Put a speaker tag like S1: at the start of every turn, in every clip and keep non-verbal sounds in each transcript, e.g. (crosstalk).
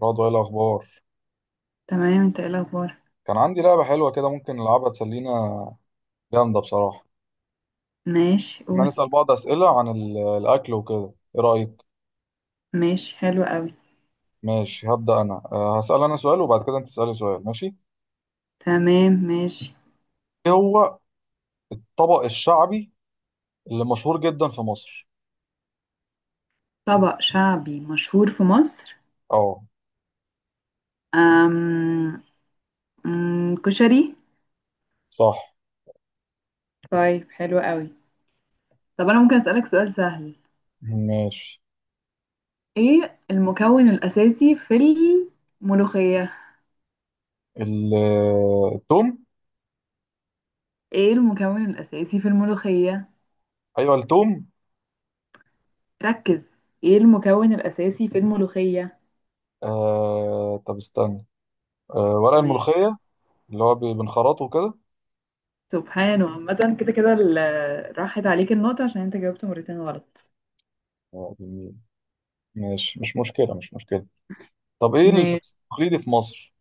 S1: برضه ايه الاخبار؟
S2: تمام، انت ايه الاخبار؟
S1: كان عندي لعبه حلوه كده، ممكن نلعبها تسلينا. جامده بصراحه.
S2: ماشي،
S1: احنا
S2: قول.
S1: نسال بعض اسئله عن الاكل وكده، ايه رايك؟
S2: ماشي حلو قوي.
S1: ماشي، هبدا انا. هسال انا سؤال، وبعد كده انت تسالي سؤال. ماشي؟
S2: تمام ماشي.
S1: ايه هو الطبق الشعبي اللي مشهور جدا في مصر؟
S2: طبق شعبي مشهور في مصر.
S1: اه،
S2: أم... كشري.
S1: صح.
S2: طيب حلو قوي. طب انا ممكن اسالك سؤال سهل.
S1: ماشي.
S2: ايه المكون الاساسي في الملوخية؟
S1: ال- التوم.
S2: ايه المكون الاساسي في الملوخية؟
S1: ايوه، التوم.
S2: ركز. ايه المكون الاساسي في الملوخية؟
S1: آه، طب استنى. آه، ورق
S2: ماشي.
S1: الملوخيه. اللي هو بنخرطه كده.
S2: سبحانه، عامة كده كده راحت عليك النقطة عشان انت جاوبت مرتين غلط.
S1: آه، جميل. ماشي، مش مشكله، مش مشكله. طب، ايه الفطار
S2: ماشي.
S1: التقليدي في مصر؟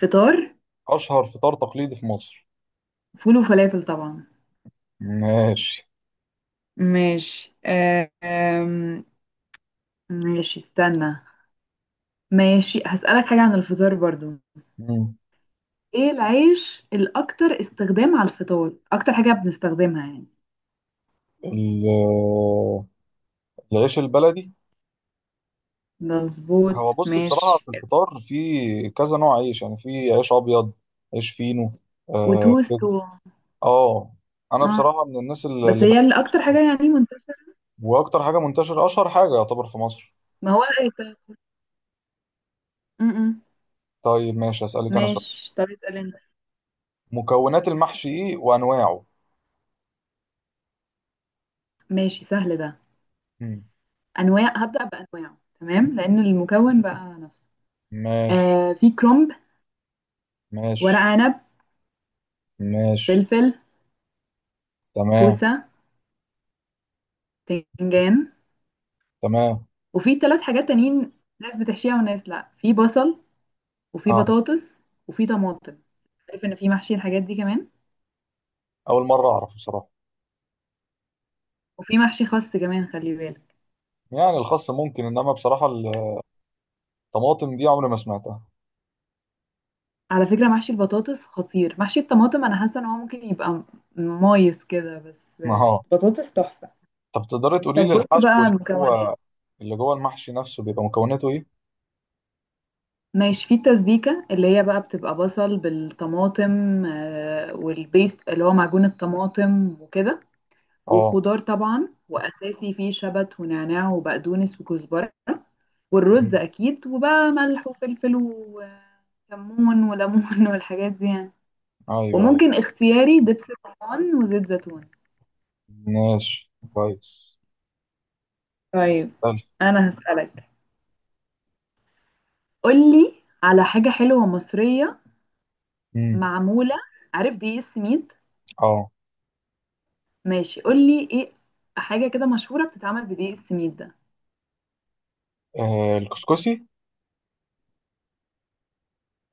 S2: فطار.
S1: أشهر فطار تقليدي في مصر؟
S2: فول وفلافل طبعا.
S1: ماشي.
S2: ماشي. آه، آم، ماشي استنى. ماشي هسألك حاجة عن الفطار برضو.
S1: مم.
S2: ايه العيش الأكتر استخدام على الفطار، أكتر حاجة بنستخدمها يعني؟
S1: ال- العيش البلدي. هو
S2: مظبوت
S1: بص بصراحة،
S2: ماشي.
S1: في الفطار في كذا نوع عيش، يعني في عيش أبيض، عيش فينو. آه
S2: وتوست
S1: كده. آه، أنا
S2: اه،
S1: بصراحة من الناس اللي
S2: بس
S1: اللي بحب
S2: هي اللي أكتر
S1: العيش.
S2: حاجة يعني منتشرة.
S1: وأكتر حاجة منتشرة، أشهر حاجة يعتبر في مصر.
S2: ما هو الأيت. م- م.
S1: طيب، ماشي، أسألك أنا سؤال.
S2: ماشي، طب اسأل انت.
S1: مكونات المحشي إيه وأنواعه؟
S2: ماشي، سهل ده.
S1: مم.
S2: أنواع، هبدأ بأنواعه، تمام، لأن المكون بقى نفسه.
S1: ماشي.
S2: في كرومب. ورق
S1: ماشي.
S2: عنب.
S1: ماشي.
S2: فلفل.
S1: تمام.
S2: كوسة. وبتنجان.
S1: تمام.
S2: وفي ثلاث حاجات تانيين، ناس بتحشيها وناس لا. في بصل. وفي
S1: آه.
S2: بطاطس. وفي طماطم. عارف ان في محشي الحاجات دي كمان.
S1: أول مرة أعرف بصراحة.
S2: وفي محشي خس كمان، خلي بالك.
S1: يعني الخاص ممكن انما بصراحه، طماطم دي عمري ما سمعتها.
S2: على فكرة محشي البطاطس خطير. محشي الطماطم انا حاسة ان هو ممكن يبقى مايس كده، بس
S1: (laughs) اه.
S2: بطاطس تحفة.
S1: طب تقدري تقولي
S2: طب
S1: لي
S2: بص
S1: الحشو
S2: بقى
S1: اللي
S2: المكونات.
S1: هو، اللي جوه المحشي نفسه بيبقى مكوناته ايه؟
S2: ماشي. في التسبيكة اللي هي بقى بتبقى بصل بالطماطم، والبيست اللي هو معجون الطماطم وكده.
S1: اه.
S2: وخضار طبعا، واساسي فيه شبت ونعناع وبقدونس وكزبره. والرز
S1: مم.
S2: اكيد. وبقى ملح وفلفل وكمون وليمون (laughs) والحاجات دي يعني.
S1: ايوه ايوه.
S2: وممكن اختياري دبس رمان وزيت زيتون.
S1: ماشي، كويس.
S2: طيب
S1: حلو.
S2: انا هسألك. قولي على حاجة حلوة مصرية
S1: مم.
S2: معمولة. عارف دقيق السميد؟
S1: اه.
S2: ماشي، قولي ايه حاجة كده مشهورة بتتعمل بدقيق السميد ده.
S1: آه، الكسكسي.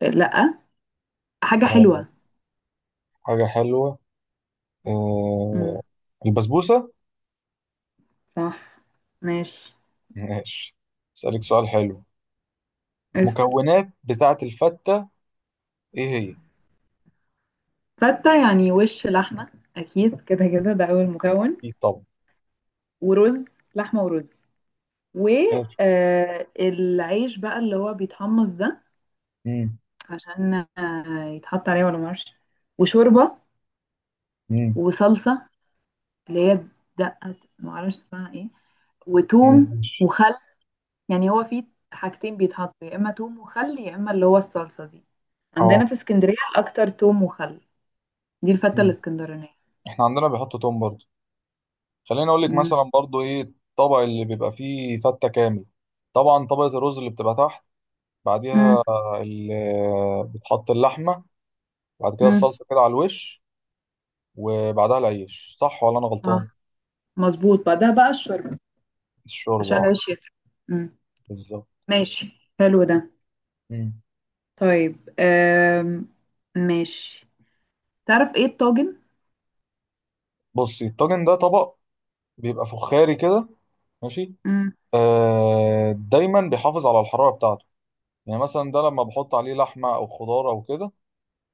S2: لا، حاجة
S1: آه.
S2: حلوة.
S1: حاجة حلوة.
S2: امم
S1: آه. البسبوسة.
S2: صح. ماشي.
S1: ماشي. اسألك سؤال حلو.
S2: اسأل.
S1: المكونات بتاعة الفتة، ايه هي؟
S2: فتة يعني وش لحمة أكيد، كده كده ده أول مكون.
S1: ايه طبعا.
S2: ورز. لحمة ورز.
S1: ماشي.
S2: والعيش بقى اللي هو بيتحمص ده،
S1: مم.
S2: عشان يتحط عليه ولا معرفش. وشوربة.
S1: مم.
S2: وصلصة اللي هي دقة معرفش اسمها ايه. وتوم
S1: ماشي.
S2: وخل. يعني هو فيه حاجتين بيتحطوا، يا إما توم وخل يا إما اللي هو الصلصة دي.
S1: اه.
S2: عندنا في اسكندرية الأكتر توم وخل. دي الفتة
S1: مم.
S2: الاسكندرانية.
S1: احنا عندنا بيحطوا توم برضه. خليني اقول لك
S2: مم.
S1: مثلا برضو، ايه الطبق اللي بيبقى فيه فته كامل؟ طبعا، طبقه الرز اللي بتبقى تحت.
S2: مم.
S1: بعديها بتحط اللحمه. بعد كده
S2: مم.
S1: الصلصه كده على الوش. وبعدها العيش، صح ولا انا
S2: اه،
S1: غلطان؟
S2: مظبوط. بعدها بقى الشوربة،
S1: الشوربه،
S2: عشان
S1: اه.
S2: العيش يطرى. مم.
S1: بالظبط.
S2: ماشي حلو ده.
S1: مم.
S2: طيب ماشي. تعرف ايه الطاجن؟
S1: بصي، الطاجن ده طبق بيبقى فخاري كده. ماشي.
S2: مم.
S1: آه، دايما بيحافظ على الحراره بتاعته. يعني مثلا ده، لما بحط عليه لحمه او خضار او كده،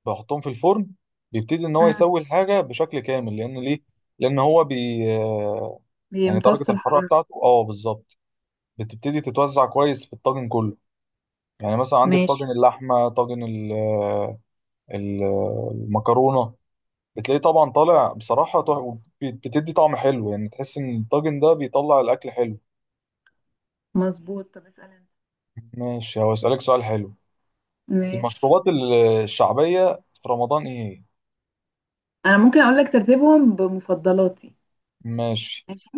S1: بحطهم في الفرن، بيبتدي ان هو
S2: مم.
S1: يسوي الحاجه بشكل كامل، لان ليه؟ لان هو بي آه، يعني درجه
S2: بيمتص
S1: الحراره
S2: الحرارة.
S1: بتاعته، اه بالظبط، بتبتدي تتوزع كويس في الطاجن كله. يعني مثلا عندك
S2: ماشي.
S1: طاجن اللحمه، طاجن المكرونه. بتلاقيه طبعا طالع بصراحه، بتدي طعم حلو، يعني تحس ان الطاجن ده بيطلع الاكل حلو.
S2: مظبوط، طب اسأل انت.
S1: ماشي. هو اسالك سؤال حلو.
S2: ماشي.
S1: المشروبات الشعبيه في رمضان ايه؟
S2: انا ممكن اقول لك ترتيبهم بمفضلاتي.
S1: ماشي.
S2: ماشي.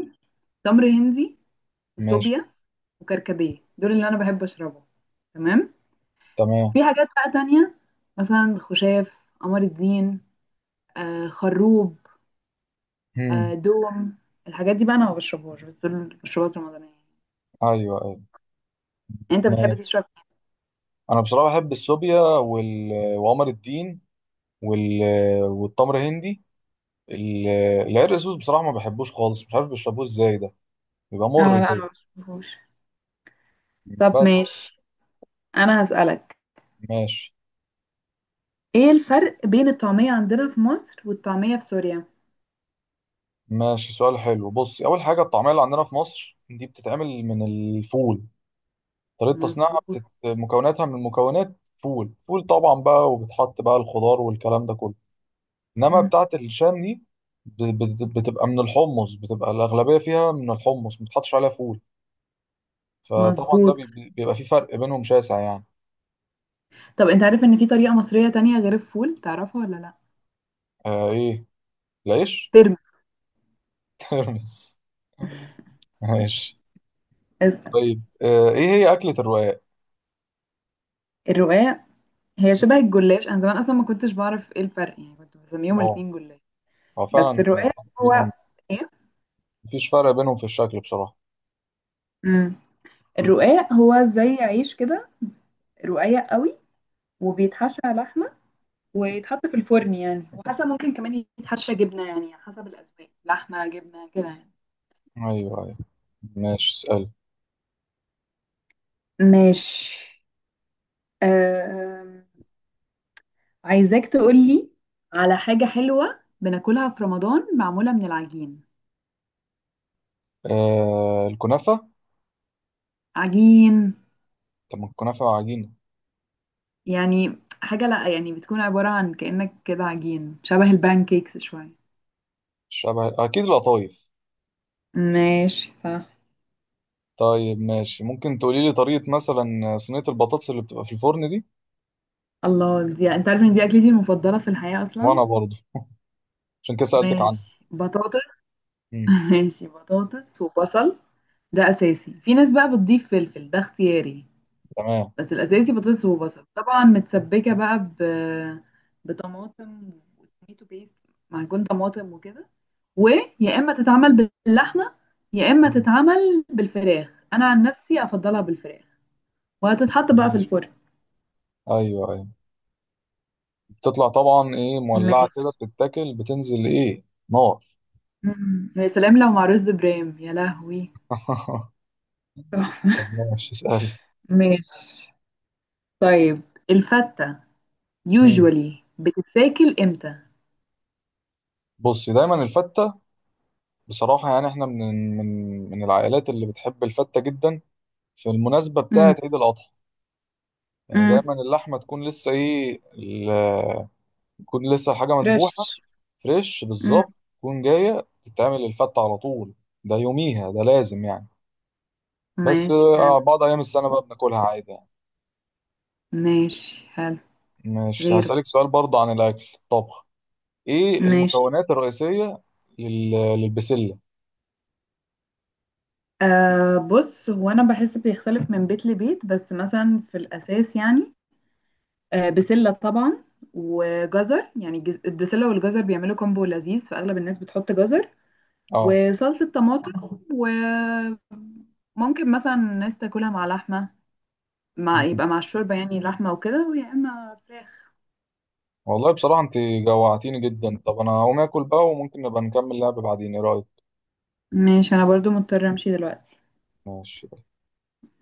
S2: تمر هندي.
S1: ماشي.
S2: وصوبيا. وكركديه. دول اللي انا بحب اشربهم. تمام.
S1: تمام.
S2: في حاجات بقى تانية، مثلا خشاف قمر الدين، خروب،
S1: هم.
S2: دوم. الحاجات دي بقى انا ما بشربهاش، بس دول مشروبات رمضانية.
S1: ايوه.
S2: انت بتحب
S1: ايوه.
S2: تشرب؟
S1: انا بصراحه بحب السوبيا وقمر الدين وال... والتمر هندي. ال- العرق سوس بصراحه ما بحبوش خالص، مش عارف بيشربوه ازاي، ده بيبقى
S2: اه
S1: مر
S2: لا، انا
S1: كده.
S2: ما بشوفوش. طب
S1: بس.
S2: ماشي، انا هسألك.
S1: ماشي.
S2: ايه الفرق بين الطعمية عندنا في مصر والطعمية في سوريا؟
S1: ماشي، سؤال حلو. بص، اول حاجه الطعميه اللي عندنا في مصر دي بتتعمل من الفول. طريقه تصنيعها
S2: مظبوط.
S1: مكوناتها من مكونات فول، فول طبعا بقى، وبتحط بقى الخضار والكلام ده كله. انما
S2: مم.
S1: بتاعه الشام دي، بت- بتبقى من الحمص، بتبقى الاغلبيه فيها من الحمص، ما بتحطش عليها فول. فطبعا ده
S2: مظبوط.
S1: بيبقى في فرق بينهم شاسع يعني.
S2: طب انت عارف ان في طريقة مصرية تانية غير الفول، تعرفها ولا لا؟
S1: آه، ايه؟ العيش.
S2: ترمس.
S1: (laughs) ترمس. ماشي.
S2: اسأل.
S1: طيب، ايه هي أكلة الرقاق؟
S2: الرقاق. هي شبه الجلاش، انا زمان اصلا ما كنتش بعرف ايه الفرق، يعني كنت بسميهم
S1: اه،
S2: الاتنين جلاش.
S1: هو
S2: بس
S1: فعلا فرق
S2: الرقاق هو
S1: بينهم.
S2: ايه.
S1: مفيش فرق بينهم في الشكل بصراحة.
S2: امم الرقاق هو زي عيش كده، رقيق قوي، وبيتحشى لحمة، ويتحط في الفرن يعني. وحسب، ممكن كمان يتحشى جبنة يعني، حسب الأذواق، لحمة جبنة كده يعني.
S1: ايوه، ايوه. ماشي، اسأل.
S2: ماشي. أم... عايزاك تقولي على حاجة حلوة بناكلها في رمضان، معمولة من العجين.
S1: آه، الكنافة.
S2: عجين
S1: طب ما الكنافة عجينة.
S2: يعني حاجة، لأ، يعني بتكون عبارة عن كأنك كده عجين شبه البانكيكس شوية.
S1: شبه اكيد القطايف.
S2: ماشي صح.
S1: طيب، ماشي، ممكن تقولي لي طريقة مثلا صينية البطاطس اللي بتبقى في الفرن دي؟
S2: الله، دي انت عارف ان دي اكلتي المفضلة في الحياة اصلا.
S1: وانا برضه، عشان كده سألتك عنها.
S2: ماشي، بطاطس.
S1: مم.
S2: (laughs) ماشي، بطاطس وبصل ده اساسي. في ناس بقى بتضيف فلفل، ده اختياري.
S1: تمام.
S2: بس الاساسي بطاطس وبصل طبعا، متسبكه بقى بطماطم، وتوميتو بيست، معجون طماطم وكده. ويا اما تتعمل باللحمه، يا اما
S1: مم.
S2: تتعمل بالفراخ. انا عن نفسي افضلها بالفراخ. وهتتحط بقى في
S1: ماشي.
S2: الفرن.
S1: ايوه. ايوه. بتطلع طبعا ايه مولعه كده،
S2: ماشي.
S1: بتتاكل، بتنزل ايه؟ نار.
S2: مم. يا سلام لو مع رز برام، يا لهوي.
S1: (laughs)
S2: تحفة.
S1: طب، ماشي، اسألي.
S2: ماشي، طيب الفتة
S1: مم.
S2: usually بتتاكل امتى؟
S1: بصي، دايما الفتة بصراحة، يعني احنا من من العائلات اللي بتحب الفتة جدا، في المناسبة بتاعة
S2: امم.
S1: عيد الأضحى. يعني
S2: امم.
S1: دايما اللحمة تكون لسه تكون لسه الحاجة مذبوحة.
S2: فريش.
S1: فريش
S2: امم.
S1: بالظبط. تكون جاية تتعمل الفتة على طول، ده يوميها، ده لازم يعني. بس
S2: ماشي حلو.
S1: بعض أيام السنة بقى بناكلها عادي يعني.
S2: ماشي حلو.
S1: مش
S2: غيره.
S1: هسألك سؤال برضه عن الأكل الطبخ. ايه
S2: ماشي.
S1: المكونات الرئيسية لل... للبسلة؟
S2: بص، هو انا بحس بيختلف من بيت لبيت، بس مثلا في الاساس يعني بسله طبعا، وجزر، يعني البسله والجزر بيعملوا كومبو لذيذ، فاغلب الناس بتحط جزر.
S1: اه.
S2: وصلصه طماطم. وممكن مثلا الناس تاكلها مع لحمه، مع
S1: مم.
S2: يبقى مع الشوربه يعني، لحمه وكده، ويا اما فراخ.
S1: والله بصراحة انت جوعتيني جدا. طب، انا هقوم اكل بقى، وممكن نبقى نكمل لعب بعدين، ايه رأيك؟
S2: ماشي، انا برضو مضطره امشي دلوقتي.
S1: ماشي.